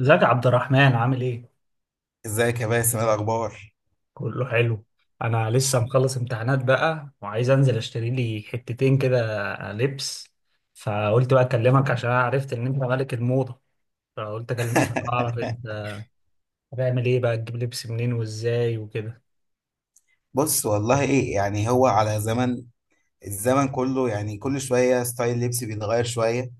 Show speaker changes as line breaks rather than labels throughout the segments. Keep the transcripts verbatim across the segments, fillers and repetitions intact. ازيك يا عبد الرحمن عامل ايه؟
ازيك يا باسم، ايه الاخبار؟
كله حلو. انا لسه مخلص امتحانات بقى وعايز انزل اشتري لي حتتين كده، لبس. فقلت بقى اكلمك عشان أنا عرفت ان انت ملك الموضة، فقلت اكلمك اعرف انت هتعمل ايه بقى، تجيب لبس منين وازاي وكده.
بص والله ايه، يعني هو على زمن. الزمن كله يعني كل شوية ستايل لبسي بيتغير شوية.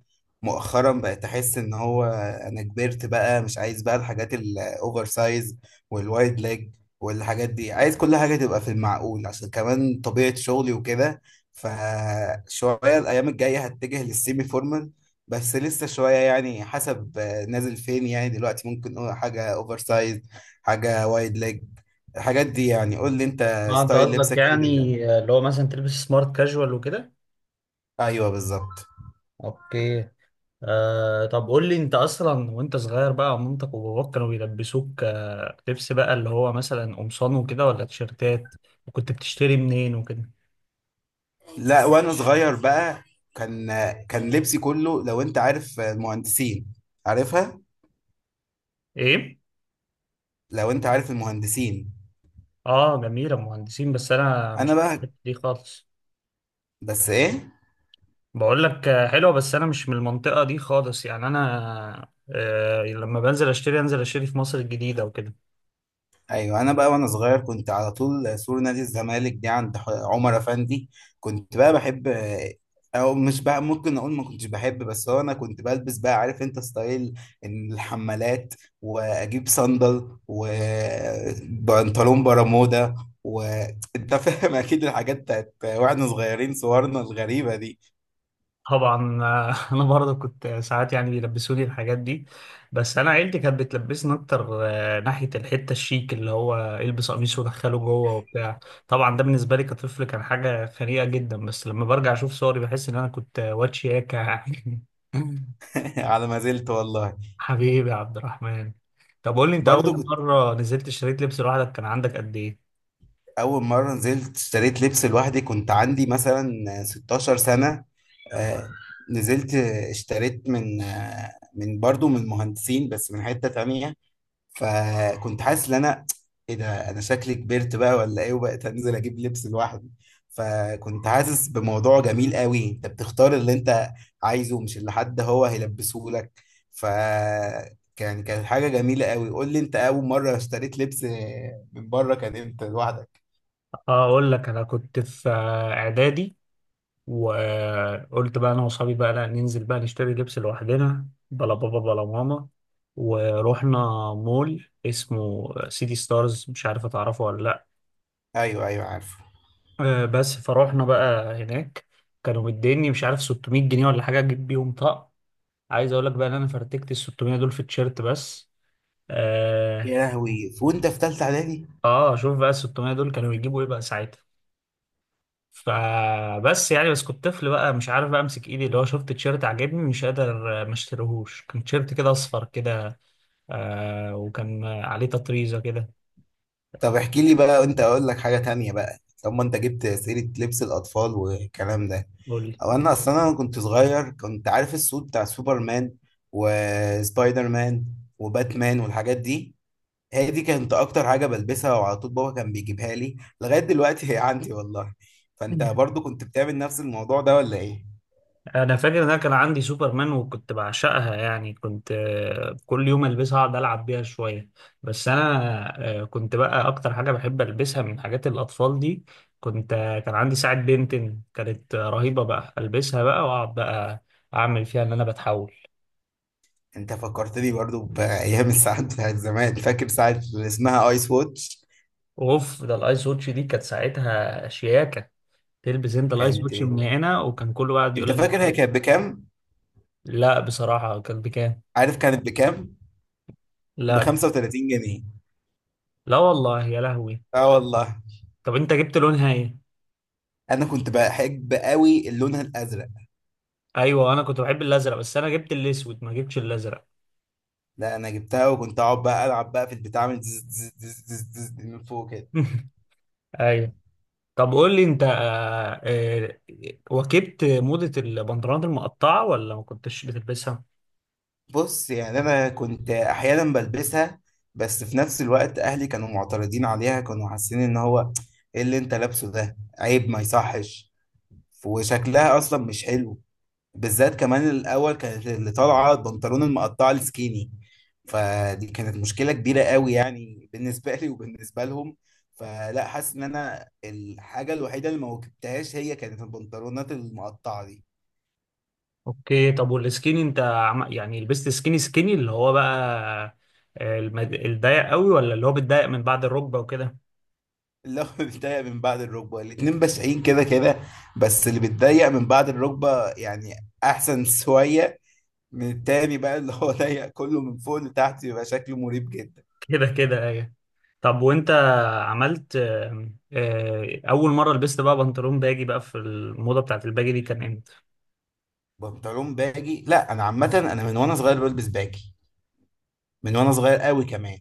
مؤخرا بقيت أحس إن هو أنا كبرت بقى، مش عايز بقى الحاجات الأوفر سايز والوايد ليج والحاجات دي. عايز كل حاجة تبقى في المعقول عشان كمان طبيعة شغلي وكده. فشوية الأيام الجاية هتجه للسيمي فورمال، بس لسه شوية يعني حسب آه، نازل فين. يعني دلوقتي ممكن أقول حاجة أوفر سايز، حاجة وايد ليج، الحاجات دي. يعني قول لي أنت
اه، انت
ستايل
قصدك
لبسك إيه
يعني
دلوقتي؟
اللي هو مثلا تلبس سمارت كاجوال وكده؟
أيوه بالظبط.
اوكي. آه، طب قول لي انت اصلا وانت صغير بقى مامتك وباباك كانوا بيلبسوك آه لبس بقى اللي هو مثلا قمصان وكده ولا تيشيرتات، وكنت بتشتري منين وكده.
لا، وانا صغير بقى كان، كان لبسي كله، لو انت عارف المهندسين، عارفها.
ايه.
لو انت عارف المهندسين.
اه، جميلة مهندسين بس انا
انا
مش من
بقى،
الحتة دي خالص.
بس ايه.
بقول لك، آه، حلوة بس انا مش من المنطقة دي خالص يعني انا آه لما بنزل اشتري، انزل اشتري في مصر الجديدة وكده.
ايوه انا بقى وانا صغير كنت على طول سور نادي الزمالك دي عند ح- عمر افندي. كنت بقى بحب، او مش بقى، ممكن اقول ما كنتش بحب، بس هو انا كنت بلبس بقى، عارف انت ستايل، إن الحمالات واجيب صندل وبنطلون برمودا. وانت فاهم اكيد الحاجات بتاعت واحنا صغيرين، صورنا الغريبة دي.
طبعا آه، انا برضه كنت ساعات يعني بيلبسوني الحاجات دي، بس انا عيلتي كانت بتلبسني اكتر آه، ناحيه الحته الشيك اللي هو البس قميص ودخله جوه وبتاع. طبعا ده بالنسبه لي كطفل كان حاجه خنيقه جدا، بس لما برجع اشوف صوري بحس ان انا كنت واد شياكه يعني.
على ما زلت والله.
حبيبي يا عبد الرحمن. طب قول لي انت، اول
برضو،
مره نزلت اشتريت لبس لوحدك كان عندك قد ايه؟
اول مره نزلت اشتريت لبس لوحدي كنت عندي مثلا ستاشر سنه. آه، نزلت اشتريت من آه، من برضو من مهندسين بس من حته تانية. فكنت حاسس ان انا ايه ده، انا شكلي كبرت بقى ولا ايه، وبقيت انزل اجيب لبس لوحدي. فكنت حاسس بموضوع جميل قوي، انت بتختار اللي انت عايزه، مش اللي حد هو هيلبسه لك. ف كان، كانت حاجه جميله قوي. قول لي انت اول مره اشتريت لبس من بره كان امتى لوحدك؟
اقول لك، انا كنت في آه، اعدادي، وقلت بقى انا واصحابي بقى لا ننزل بقى نشتري لبس لوحدنا، بلا بابا بلا ماما، ورحنا مول اسمه سيتي ستارز، مش عارف اتعرفه ولا لا.
ايوه ايوه عارفه.
آه، بس فروحنا بقى هناك، كانوا مديني مش عارف ستمائة جنيه ولا حاجه اجيب بيهم طقم. عايز اقول لك بقى ان انا فرتكت ال ستمائة دول في التيشيرت بس.
يا
اه,
لهوي، وانت في ثالثه اعدادي!
آه شوف بقى ال ستمية دول كانوا يجيبوا ايه بقى ساعتها. فبس يعني بس كنت طفل بقى مش عارف بقى امسك ايدي اللي هو شفت تيشيرت عجبني مش قادر آه، ما اشتريهوش، كان تيشيرت كده اصفر كده. آه وكان آه، عليه تطريزه كده.
طب احكي لي بقى، وانت اقول لك حاجه تانية بقى. طب ما انت جبت سيره لبس الاطفال والكلام ده،
قول لي.
او انا اصلا، انا كنت صغير كنت عارف السود بتاع سوبرمان وسبايدر مان وباتمان والحاجات دي. هي دي كانت اكتر حاجه بلبسها، وعلى طول بابا كان بيجيبها لي، لغايه دلوقتي هي عندي والله. فانت برضو كنت بتعمل نفس الموضوع ده ولا ايه؟
انا فاكر ان انا كان عندي سوبرمان وكنت بعشقها، يعني كنت آه، كل يوم البسها اقعد العب بيها شويه. بس انا آه، كنت بقى اكتر حاجه بحب البسها من حاجات الاطفال دي. كنت آه، كان عندي ساعه بنتن كانت آه، رهيبه بقى، البسها بقى واقعد بقى اعمل فيها ان انا بتحول.
انت فكرتني برضو بايام الساعات بتاعت زمان. فاكر ساعه اللي اسمها ايس واتش؟
اوف، ده الايس واتش دي كانت ساعتها شياكه. تلبس انت الايس
كانت،
واتش من هنا وكان كله قاعد يقول
انت
لك.
فاكر هي كانت بكام؟
لا، بصراحه كان بكام.
عارف كانت بكام؟ ب
لا.
خمسة وتلاتين جنيه.
لا والله يا لهوي.
اه والله.
طب انت جبت لونها ايه؟
انا كنت بحب قوي اللون الازرق.
ايوه، انا كنت بحب الازرق بس انا جبت الاسود، ما جبتش الازرق.
لا انا جبتها وكنت اقعد بقى العب بقى في البتاع من زز زز زز زز زز من فوق كده.
ايوه. طب قول لي انت، آه، آه، واكبت موضه البنطلونات المقطعه ولا ما كنتش بتلبسها؟
بص يعني انا كنت احيانا بلبسها، بس في نفس الوقت اهلي كانوا معترضين عليها، كانوا حاسين ان هو ايه اللي انت لابسه ده، عيب ما يصحش وشكلها اصلا مش حلو. بالذات كمان الاول كانت اللي طالعه البنطلون المقطع السكيني، فدي كانت مشكله كبيره قوي يعني بالنسبه لي وبالنسبه لهم. فلا، حاسس ان انا الحاجه الوحيده اللي ما واكبتهاش هي كانت البنطلونات المقطعه دي.
اوكي، طب والسكيني، انت عم... يعني لبست سكيني سكيني اللي هو بقى آه، المد... الضيق قوي، ولا اللي هو بيتضايق من بعد الركبه وكده؟
اللي هو بيتضايق من بعد الركبه. الاتنين بشعين كده كده، بس اللي بيتضايق من بعد الركبه يعني احسن شويه من التاني بقى اللي هو ضيق كله من فوق لتحت، يبقى شكله مريب جدا.
كده كده ايوه. طب وانت عملت آه، آه، اول مره لبست بقى بنطلون باجي بقى، في الموضه بتاعت الباجي دي كان امتى؟
بنطلون باجي، لا انا عامه انا من وانا صغير بلبس باجي، من وانا صغير قوي كمان.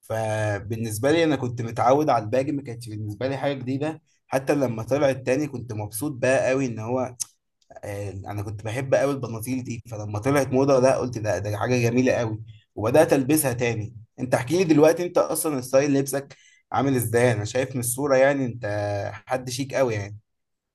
فبالنسبه لي انا كنت متعود على الباجي، ما كانتش بالنسبه لي حاجه جديده. حتى لما طلع التاني كنت مبسوط بقى قوي ان هو آه، انا كنت بحب قوي البناطيل دي، فلما طلعت موضه، لا قلت ده ده حاجه جميله قوي وبدات البسها تاني. انت احكي لي دلوقتي، انت اصلا ستايل لبسك عامل ازاي؟ انا شايف من الصوره يعني انت حد شيك قوي يعني.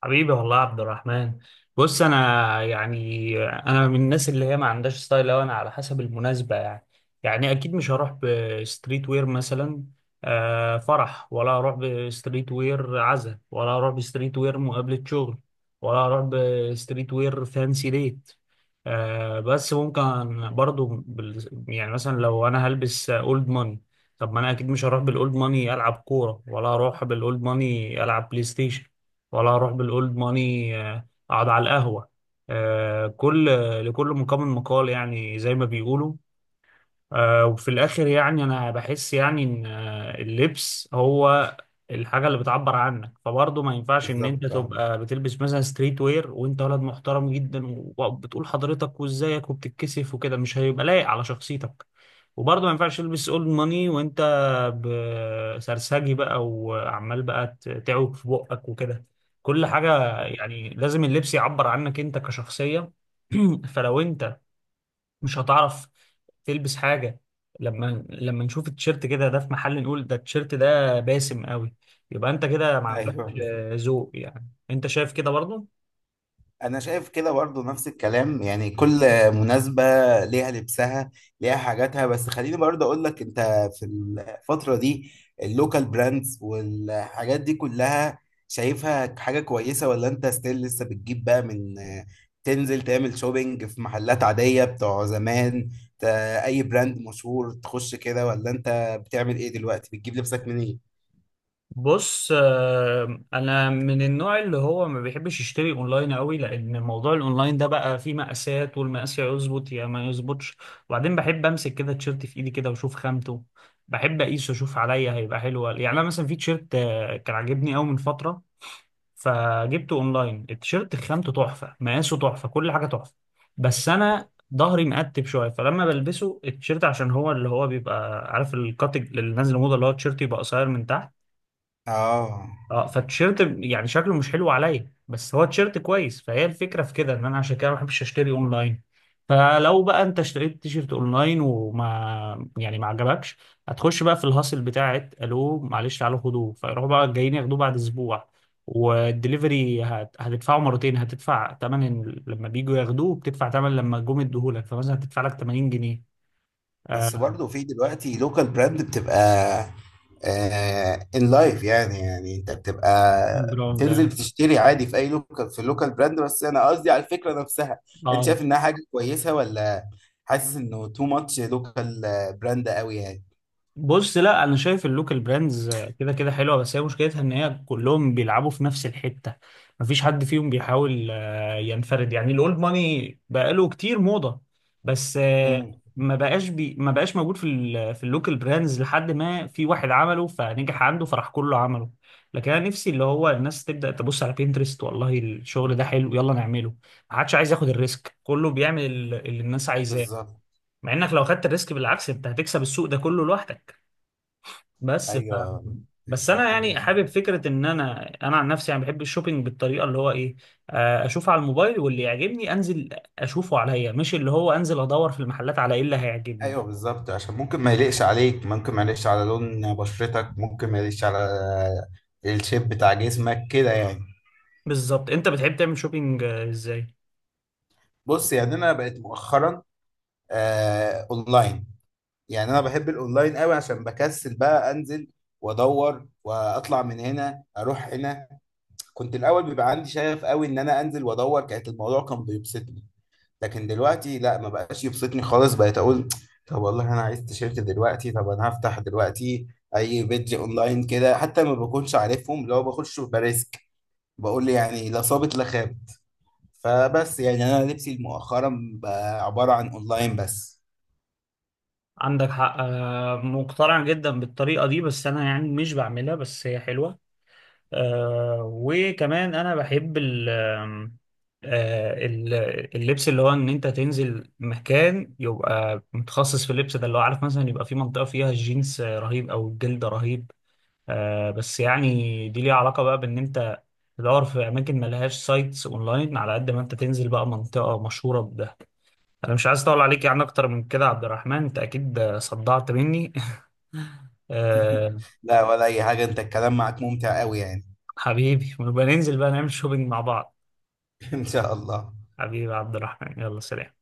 حبيبي والله يا عبد الرحمن. بص، انا يعني انا من الناس اللي هي ما عندهاش ستايل أوي، انا على حسب المناسبه يعني. يعني اكيد مش هروح بستريت وير مثلا آه، فرح، ولا هروح بستريت وير عزا، ولا هروح بستريت وير مقابله شغل، ولا هروح بستريت وير فانسي ديت. آه، بس ممكن برضو بال- يعني مثلا لو انا هلبس اولد ماني، طب ما انا اكيد مش هروح بالاولد ماني العب كوره، ولا هروح بالاولد ماني العب بلاي ستيشن، ولا هروح بالاولد ماني آه، اقعد على القهوه. آه، كل لكل مقام مقال، يعني زي ما بيقولوا. آه، وفي الآخر يعني أنا بحس يعني إن آه، اللبس هو الحاجة اللي بتعبر عنك. فبرضه ما ينفعش إن أنت
بالظبط آه.
تبقى بتلبس مثلا ستريت وير وأنت ولد محترم جدا، و- وبتقول حضرتك وإزيك وبتتكسف وكده، مش هيبقى لايق على شخصيتك. وبرضه ما ينفعش تلبس أولد ماني وأنت ب- سرسجي بقى، وعمال بقى ت- تعوج في بقك وكده. كل حاجة يعني لازم اللبس يعبر عنك أنت كشخصية. فلو أنت مش هتعرف تلبس حاجة، لما لما نشوف التيشيرت كده ده في محل نقول ده التيشيرت ده باسم قوي، يبقى انت كده ما
ايوه
عندكش آه، ذوق، يعني انت شايف كده برضه؟
انا شايف كده برضو، نفس الكلام يعني كل مناسبة ليها لبسها، ليها حاجاتها. بس خليني برضو اقول لك، انت في الفترة دي اللوكال براندز والحاجات دي كلها شايفها حاجة كويسة؟ ولا انت ستيل لسه بتجيب بقى من، تنزل تعمل شوبينج في محلات عادية بتوع زمان، ت- اي براند مشهور تخش كده؟ ولا انت بتعمل ايه دلوقتي، بتجيب لبسك منين؟
بص، آه، انا من النوع اللي هو ما بيحبش يشتري اونلاين قوي، لان موضوع الاونلاين ده بقى فيه مقاسات، والمقاس يا يظبط يا ما يظبطش. وبعدين بحب امسك كده التيشيرت في ايدي كده واشوف خامته. بحب اقيسه اشوف عليا هيبقى حلو ولا- يعني انا مثلا في تيشيرت آه، كان عاجبني قوي من فترة، فجبته اونلاين، التيشيرت خامته تحفه، مقاسه تحفه، كل حاجه تحفه. بس انا ظهري مقتب شويه، فلما بلبسه التيشيرت عشان هو اللي هو بيبقى عارف الكات اللي نازل موضه اللي هو التيشيرت يبقى قصير من تحت.
اه
اه. فالتيشيرت يعني شكله مش حلو عليا، بس هو تيشيرت كويس، فهي الفكره في كده ان انا عشان كده ما بحبش اشتري اونلاين. فلو بقى انت اشتريت تيشيرت اونلاين وما يعني ما عجبكش، هتخش بقى في الهاصل بتاعت الو معلش تعالوا خدوه، فيروحوا بقى جايين ياخدوه بعد اسبوع. والدليفري هت... هتدفعه مرتين، هتدفع تمن ال- لما بيجوا ياخدوه بتدفع تمن لما جم يديهولك، فمثلا هتدفع لك تمانين جنيه.
بس
آه.
برضه في دلوقتي لوكال براند بتبقى ان لايف يعني، يعني انت بتبقى
جرام
بتنزل
ده،
بتشتري عادي في اي لوكال، في اللوكال براند. بس انا قصدي على الفكره نفسها، انت شايف
اه.
انها حاجه كويسه؟ ولا حاسس انه تو ماتش لوكال براند قوي يعني؟
بص، لا انا شايف اللوكال براندز كده كده حلوه، بس هي مشكلتها ان هي كلهم بيلعبوا في نفس الحته، مفيش حد فيهم بيحاول آه، ينفرد، يعني الاولد ماني بقاله كتير موضه بس آه،
امم.
ما بقاش بي ما بقاش موجود في ال في اللوكال براندز، لحد ما في واحد عمله فنجح عنده فراح كله عمله. لكن انا نفسي اللي هو الناس تبدا تبص على بينترست، والله الشغل ده حلو يلا نعمله، ما حدش عايز ياخد الريسك، كله بيعمل اللي الناس عايزاه.
بالظبط.
مع انك لو خدت الريسك بالعكس انت هتكسب السوق ده كله لوحدك. بس ف...
ايوه
بس
فكره
انا يعني
كويسه.
حابب فكره ان انا انا عن نفسي يعني بحب الشوبينج بالطريقه اللي هو ايه. آه، اشوف على الموبايل واللي يعجبني انزل اشوفه عليا، مش اللي هو انزل ادور في المحلات على ايه اللي هيعجبني.
ايوه بالظبط، عشان ممكن ما يليقش عليك، ممكن ما يليقش على لون بشرتك، ممكن ما يليقش على الشيب بتاع جسمك كده يعني.
بالظبط، انت بتحب تعمل شوبينج آه، ازاي؟
بص يعني انا بقيت مؤخرا آه اونلاين. يعني انا بحب الاونلاين قوي عشان بكسل بقى انزل وادور واطلع من هنا اروح هنا. كنت الاول بيبقى عندي شغف قوي ان انا انزل وادور، كانت الموضوع كان بيبسطني. لكن دلوقتي لا، ما بقاش يبسطني خالص. بقيت اقول طب والله انا عايز تيشيرت دلوقتي، طب انا هفتح دلوقتي اي بيدج اونلاين كده حتى ما بكونش عارفهم، لو بخش بريسك بقول يعني لا صابت لا خاب. فبس يعني انا لبسي مؤخرا بقى عبارة عن اونلاين بس.
عندك حق، آه، مقتنع جدا بالطريقه دي، بس انا يعني مش بعملها، بس هي حلوه. آه وكمان انا بحب ال آه ال- اللبس اللي هو ان انت تنزل مكان يبقى متخصص في اللبس ده، اللي هو عارف مثلا يبقى في منطقة فيها الجينز رهيب او الجلد رهيب. آه، بس يعني دي ليها علاقة بقى بان انت تدور في اماكن ملهاش سايتس اونلاين، على قد ما انت تنزل بقى منطقة مشهورة بده. انا مش عايز اطول عليك يعني اكتر من كده يا عبد الرحمن، انت اكيد صدعت مني. آه
لا ولا اي حاجة، انت الكلام معك ممتع قوي يعني.
حبيبي، ونبقى ننزل بقى نعمل شوبينج مع بعض.
ان شاء الله.
حبيبي عبد الرحمن، يلا سلام.